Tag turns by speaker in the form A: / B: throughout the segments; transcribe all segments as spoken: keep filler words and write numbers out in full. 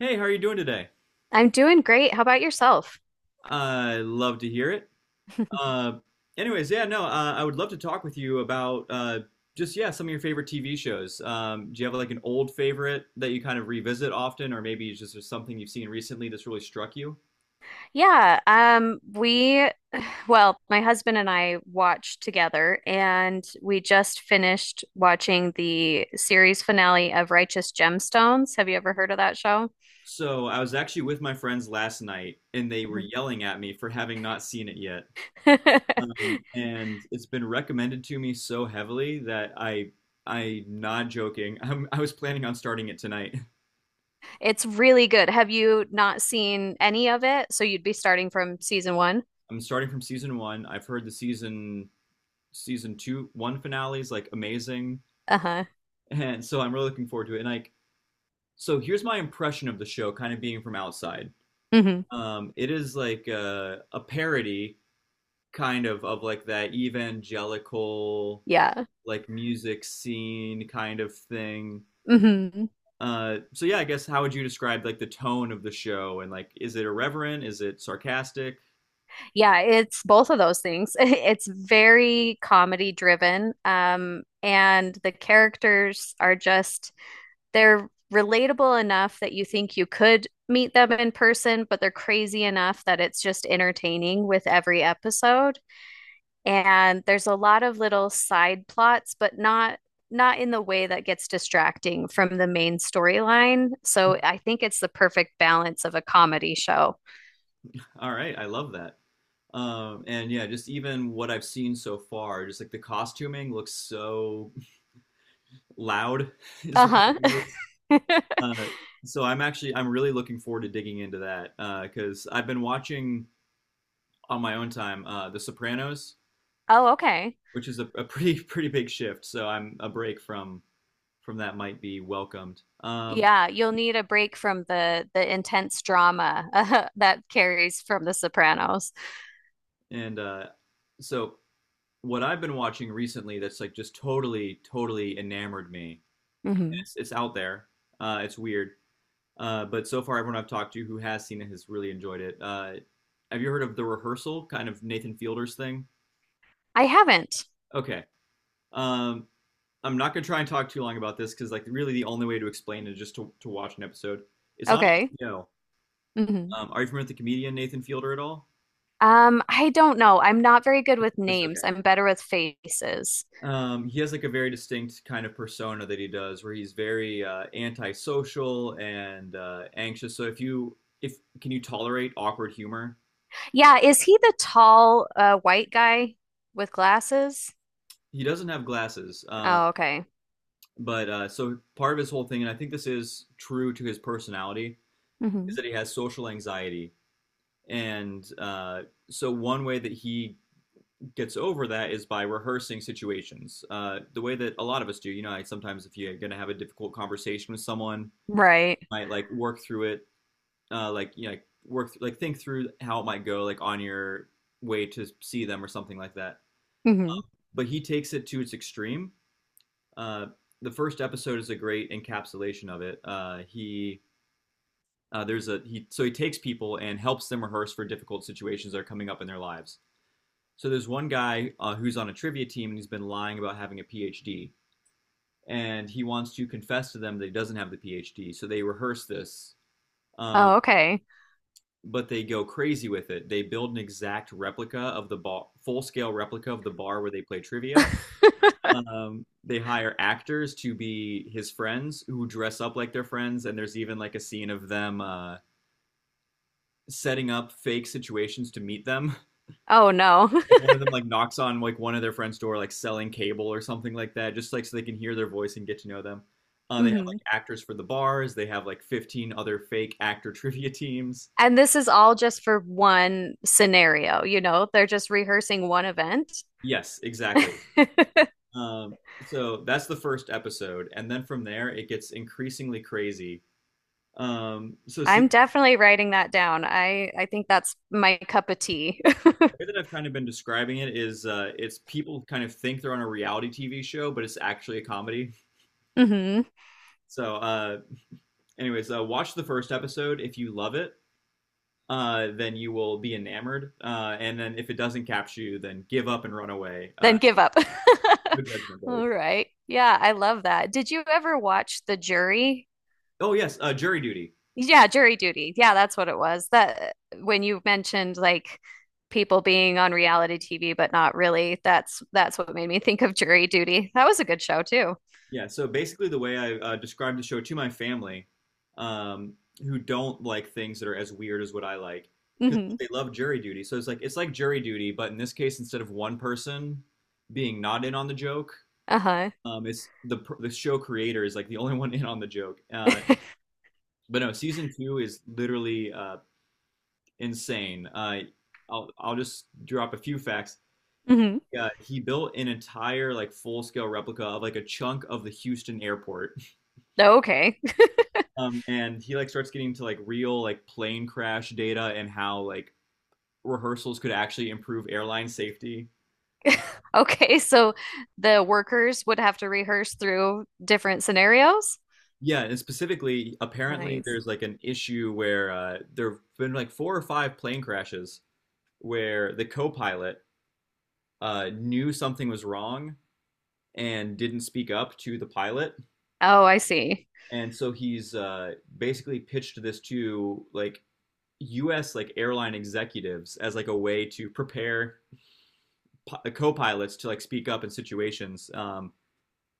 A: Hey, how are you doing today?
B: I'm doing great. How about yourself?
A: I love to hear it. Uh, anyways, yeah, no, uh, I would love to talk with you about uh, just yeah some of your favorite T V shows. Um, do you have like an old favorite that you kind of revisit often, or maybe it's just there's something you've seen recently that's really struck you?
B: Yeah, um, we, well, my husband and I watched together, and we just finished watching the series finale of Righteous Gemstones. Have you ever heard of that show?
A: So I was actually with my friends last night, and they were
B: Mhm.
A: yelling at me for having not seen it yet. Um, and it's been recommended to me so heavily that I, I'm not joking. I'm, I was planning on starting it tonight.
B: It's really good. Have you not seen any of it? So you'd be starting from season one?
A: I'm starting from season one. I've heard the season season two one finale is like amazing,
B: Uh-huh.
A: and so I'm really looking forward to it. And like, so here's my impression of the show, kind of being from outside.
B: Hmm.
A: Um, it is like a, a parody, kind of, of like that evangelical
B: Yeah.
A: like music scene kind of thing.
B: Hmm.
A: Uh, so yeah, I guess how would you describe like the tone of the show, and like is it irreverent? Is it sarcastic?
B: Yeah, it's both of those things. It's very comedy driven, um, and the characters are just they're relatable enough that you think you could meet them in person, but they're crazy enough that it's just entertaining with every episode. And there's a lot of little side plots, but not, not in the way that gets distracting from the main storyline. So I think it's the perfect balance of a comedy show.
A: All right, I love that. Um, and yeah, just even what I've seen so far, just like the costuming looks so loud is the word
B: Uh-huh.
A: I use. Uh, so I'm actually I'm really looking forward to digging into that, uh, because I've been watching on my own time, uh, The Sopranos,
B: Oh, okay.
A: which is a, a pretty pretty big shift. So I'm a break from from that might be welcomed. Um,
B: Yeah, you'll need a break from the the intense drama uh, that carries from The Sopranos.
A: and uh, so what I've been watching recently that's like just totally totally enamored me.
B: Hmm.
A: It's it's out there. Uh, it's weird. Uh, but so far, everyone I've talked to who has seen it has really enjoyed it. Uh, have you heard of The Rehearsal, kind of Nathan Fielder's thing?
B: I haven't.
A: Okay. Um, I'm not going to try and talk too long about this because, like, really the only way to explain it is just to, to watch an episode. It's on
B: Okay.
A: H B O.
B: Hmm.
A: Um, are you familiar with the comedian Nathan Fielder at all?
B: Um, I don't know. I'm not very good
A: That's,
B: with
A: that's okay.
B: names. I'm better with faces.
A: Um, he has like a very distinct kind of persona that he does, where he's very, uh, antisocial and, uh, anxious. So if you, if can you tolerate awkward humor?
B: Yeah, is he the tall uh, white guy with glasses?
A: He doesn't have glasses. um,
B: Oh, okay.
A: But uh, so part of his whole thing, and I think this is true to his personality,
B: Hmm.
A: is that he has social anxiety. And, uh, so one way that he gets over that is by rehearsing situations, uh, the way that a lot of us do. You know, like sometimes if you're going to have a difficult conversation with someone,
B: Right.
A: might like work through it, uh, like you know, like, work th- like think through how it might go, like on your way to see them or something like that.
B: Hmm.
A: But he takes it to its extreme. Uh, the first episode is a great encapsulation of it. Uh, he Uh, there's a he so he takes people and helps them rehearse for difficult situations that are coming up in their lives. So there's one guy, uh, who's on a trivia team and he's been lying about having a PhD, and he wants to confess to them that he doesn't have the PhD. So they rehearse this. um,
B: Oh, okay.
A: but they go crazy with it. They build an exact replica of the bar, full-scale replica of the bar where they play trivia. Um, they hire actors to be his friends who dress up like their friends, and there's even like a scene of them, uh, setting up fake situations to meet them,
B: Oh no.
A: like one of them like knocks on like one of their friend's door, like selling cable or something like that, just like so they can hear their voice and get to know them. Uh, they have
B: Hmm.
A: like actors for the bars. They have like fifteen other fake actor trivia teams.
B: And this is all just for one scenario, you know? They're just rehearsing one event.
A: Yes, exactly. Um, so that's the first episode, and then from there it gets increasingly crazy. Um, so see,
B: I'm
A: the
B: definitely writing that down. I I think that's my cup of tea.
A: way that I've kind of been describing it is, uh, it's people kind of think they're on a reality TV show, but it's actually a comedy.
B: Hmm.
A: So, uh, anyways, uh, watch the first episode. If you love it, uh, then you will be enamored. Uh, and then if it doesn't capture you, then give up and run away. Uh,
B: Then give up.
A: no judgment there.
B: All right. Yeah, I love that. Did you ever watch The Jury?
A: Oh yes, uh, jury duty.
B: Yeah, Jury Duty. Yeah, that's what it was. That, when you mentioned like people being on reality T V but not really, that's that's what made me think of Jury Duty. That was a good show too.
A: Yeah. So basically, the way I, uh, described the show to my family, um, who don't like things that are as weird as what I like, because
B: Hmm.
A: they love jury duty. So it's like it's like jury duty, but in this case, instead of one person being not in on the joke,
B: Uh-huh.
A: um, it's the the show creator is like the only one in on the joke. Uh, but no, season two is literally, Uh, insane. Uh, I'll I'll just drop a few facts.
B: Hmm.
A: Uh, he built an entire like full scale replica of like a chunk of the Houston airport.
B: Okay.
A: Um, and he like starts getting into like real like plane crash data and how like rehearsals could actually improve airline safety. Uh,
B: Okay, so the workers would have to rehearse through different scenarios?
A: yeah, and specifically, apparently
B: Nice.
A: there's like an issue where, uh, there've been like four or five plane crashes where the co-pilot, uh, knew something was wrong and didn't speak up to the pilot.
B: Oh, I see.
A: And so he's, uh, basically pitched this to like U S like airline executives as like a way to prepare pi- uh, co-pilots to like speak up in situations. Um,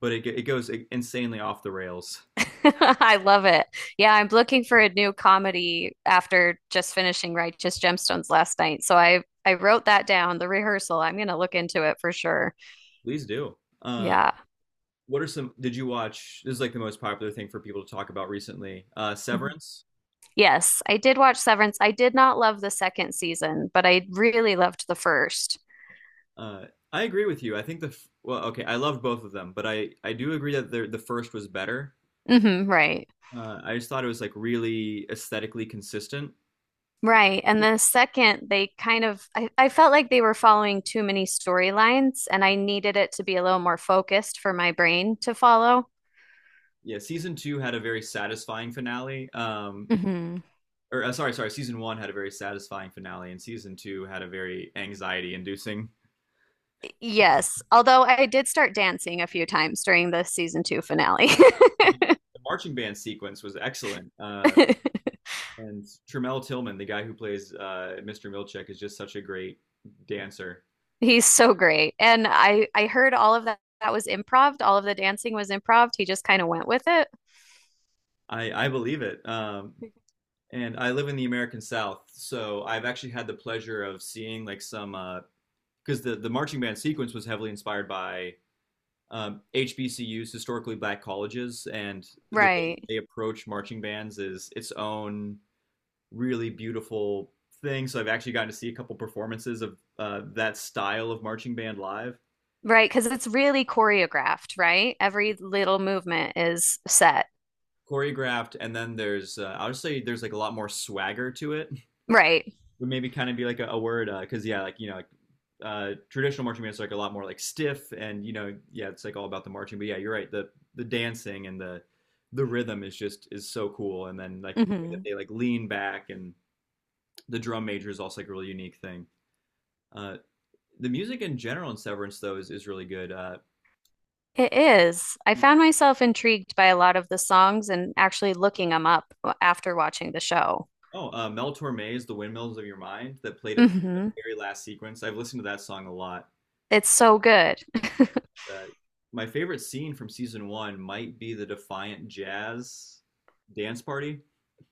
A: but it it goes insanely off the rails.
B: I love it. Yeah, I'm looking for a new comedy after just finishing Righteous Gemstones last night. So I I wrote that down, the rehearsal. I'm going to look into it for sure.
A: Please do. Uh,
B: Yeah.
A: what are some? Did you watch? This is like the most popular thing for people to talk about recently. Uh,
B: Mhm.
A: Severance.
B: Yes, I did watch Severance. I did not love the second season, but I really loved the first.
A: Uh, I agree with you. I think the f- well, okay, I loved both of them, but I I do agree that the the first was better.
B: Mm-hmm, right.
A: Uh, I just thought it was like really aesthetically consistent.
B: Right. And the second, they kind of, I, I felt like they were following too many storylines, and I needed it to be a little more focused for my brain to follow.
A: Yeah, season two had a very satisfying finale. Um,
B: Hmm.
A: or uh, sorry, sorry, season one had a very satisfying finale, and season two had a very anxiety-inducing.
B: Yes. Although I did start dancing a few times during the season two finale.
A: The marching band sequence was excellent, uh, and Tramell Tillman, the guy who plays, uh, Mister Milchek, is just such a great dancer.
B: He's so great. And I I heard all of that that was improv. All of the dancing was improv. He just kind of went with it.
A: I I believe it. Um, and I live in the American South, so I've actually had the pleasure of seeing like some, because uh, the the marching band sequence was heavily inspired by, um, H B C Us, historically black colleges, and the way that
B: Right.
A: they approach marching bands is its own really beautiful thing. So I've actually gotten to see a couple performances of, uh, that style of marching band live,
B: Right, because it's really choreographed, right? Every little movement is set.
A: choreographed, and then there's, uh, I would say there's like a lot more swagger to it.
B: Right.
A: Would maybe kind of be like a, a word, because uh, yeah, like you know, like, uh, traditional marching bands are like a lot more like stiff, and you know, yeah, it's like all about the marching. But yeah, you're right. The the dancing and the the rhythm is just is so cool. And then like the way that
B: Hmm.
A: they like lean back, and the drum major is also like a really unique thing. Uh, the music in general in Severance, though, is is really good. Uh,
B: It is. I found myself intrigued by a lot of the songs and actually looking them up after watching the show.
A: oh, uh, Mel Torme's "The Windmills of Your Mind" that played at the
B: Hmm.
A: very last sequence. I've listened to that song a lot.
B: It's so good.
A: Uh, my favorite scene from season one might be the Defiant Jazz dance party.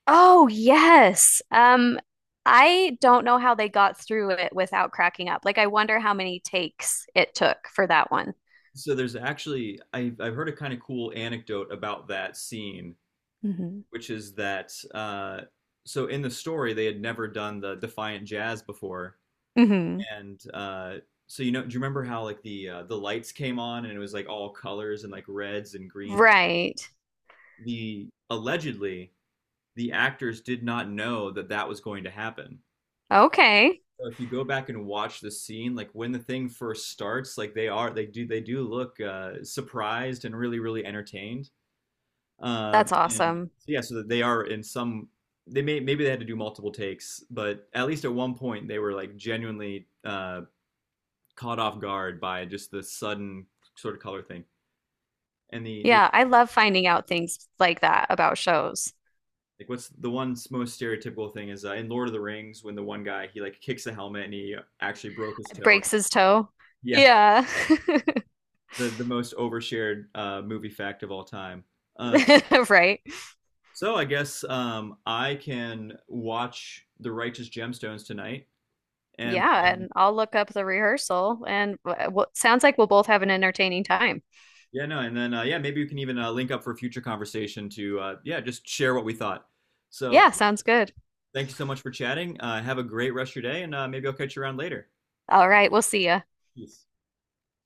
B: Oh, yes. Um, I don't know how they got through it without cracking up. Like, I wonder how many takes it took for that one.
A: So there's actually I, I've heard a kind of cool anecdote about that scene,
B: Hmm.
A: which is that, uh, so in the story they had never done the Defiant Jazz before,
B: Hmm.
A: and, uh, so you know do you remember how like the uh, the lights came on and it was like all colors and like reds and greens?
B: Right.
A: The allegedly the actors did not know that that was going to happen.
B: Okay.
A: So if you go back and watch the scene, like when the thing first starts, like they are, they do, they do look, uh, surprised and really, really entertained. Um,
B: That's
A: and
B: awesome.
A: so, yeah, so that they are in some, they may maybe they had to do multiple takes, but at least at one point they were like genuinely, uh, caught off guard by just the sudden sort of color thing. And the the
B: Yeah, I love finding out things like that about shows.
A: like, what's the one most stereotypical thing is, uh, in Lord of the Rings when the one guy he like kicks a helmet and he actually broke his toe.
B: Breaks his toe.
A: Yeah,
B: Yeah.
A: the the most overshared, uh, movie fact of all time. Uh,
B: Right.
A: so I guess, um, I can watch The Righteous Gemstones tonight, and
B: Yeah,
A: then,
B: and I'll look up the rehearsal and w w- sounds like we'll both have an entertaining time.
A: yeah, no, and then, uh, yeah, maybe we can even, uh, link up for future conversation to, uh, yeah, just share what we thought. So
B: Yeah, sounds good.
A: thank you so much for chatting. Uh, have a great rest of your day, and, uh, maybe I'll catch you around later.
B: All right, we'll see ya.
A: Peace.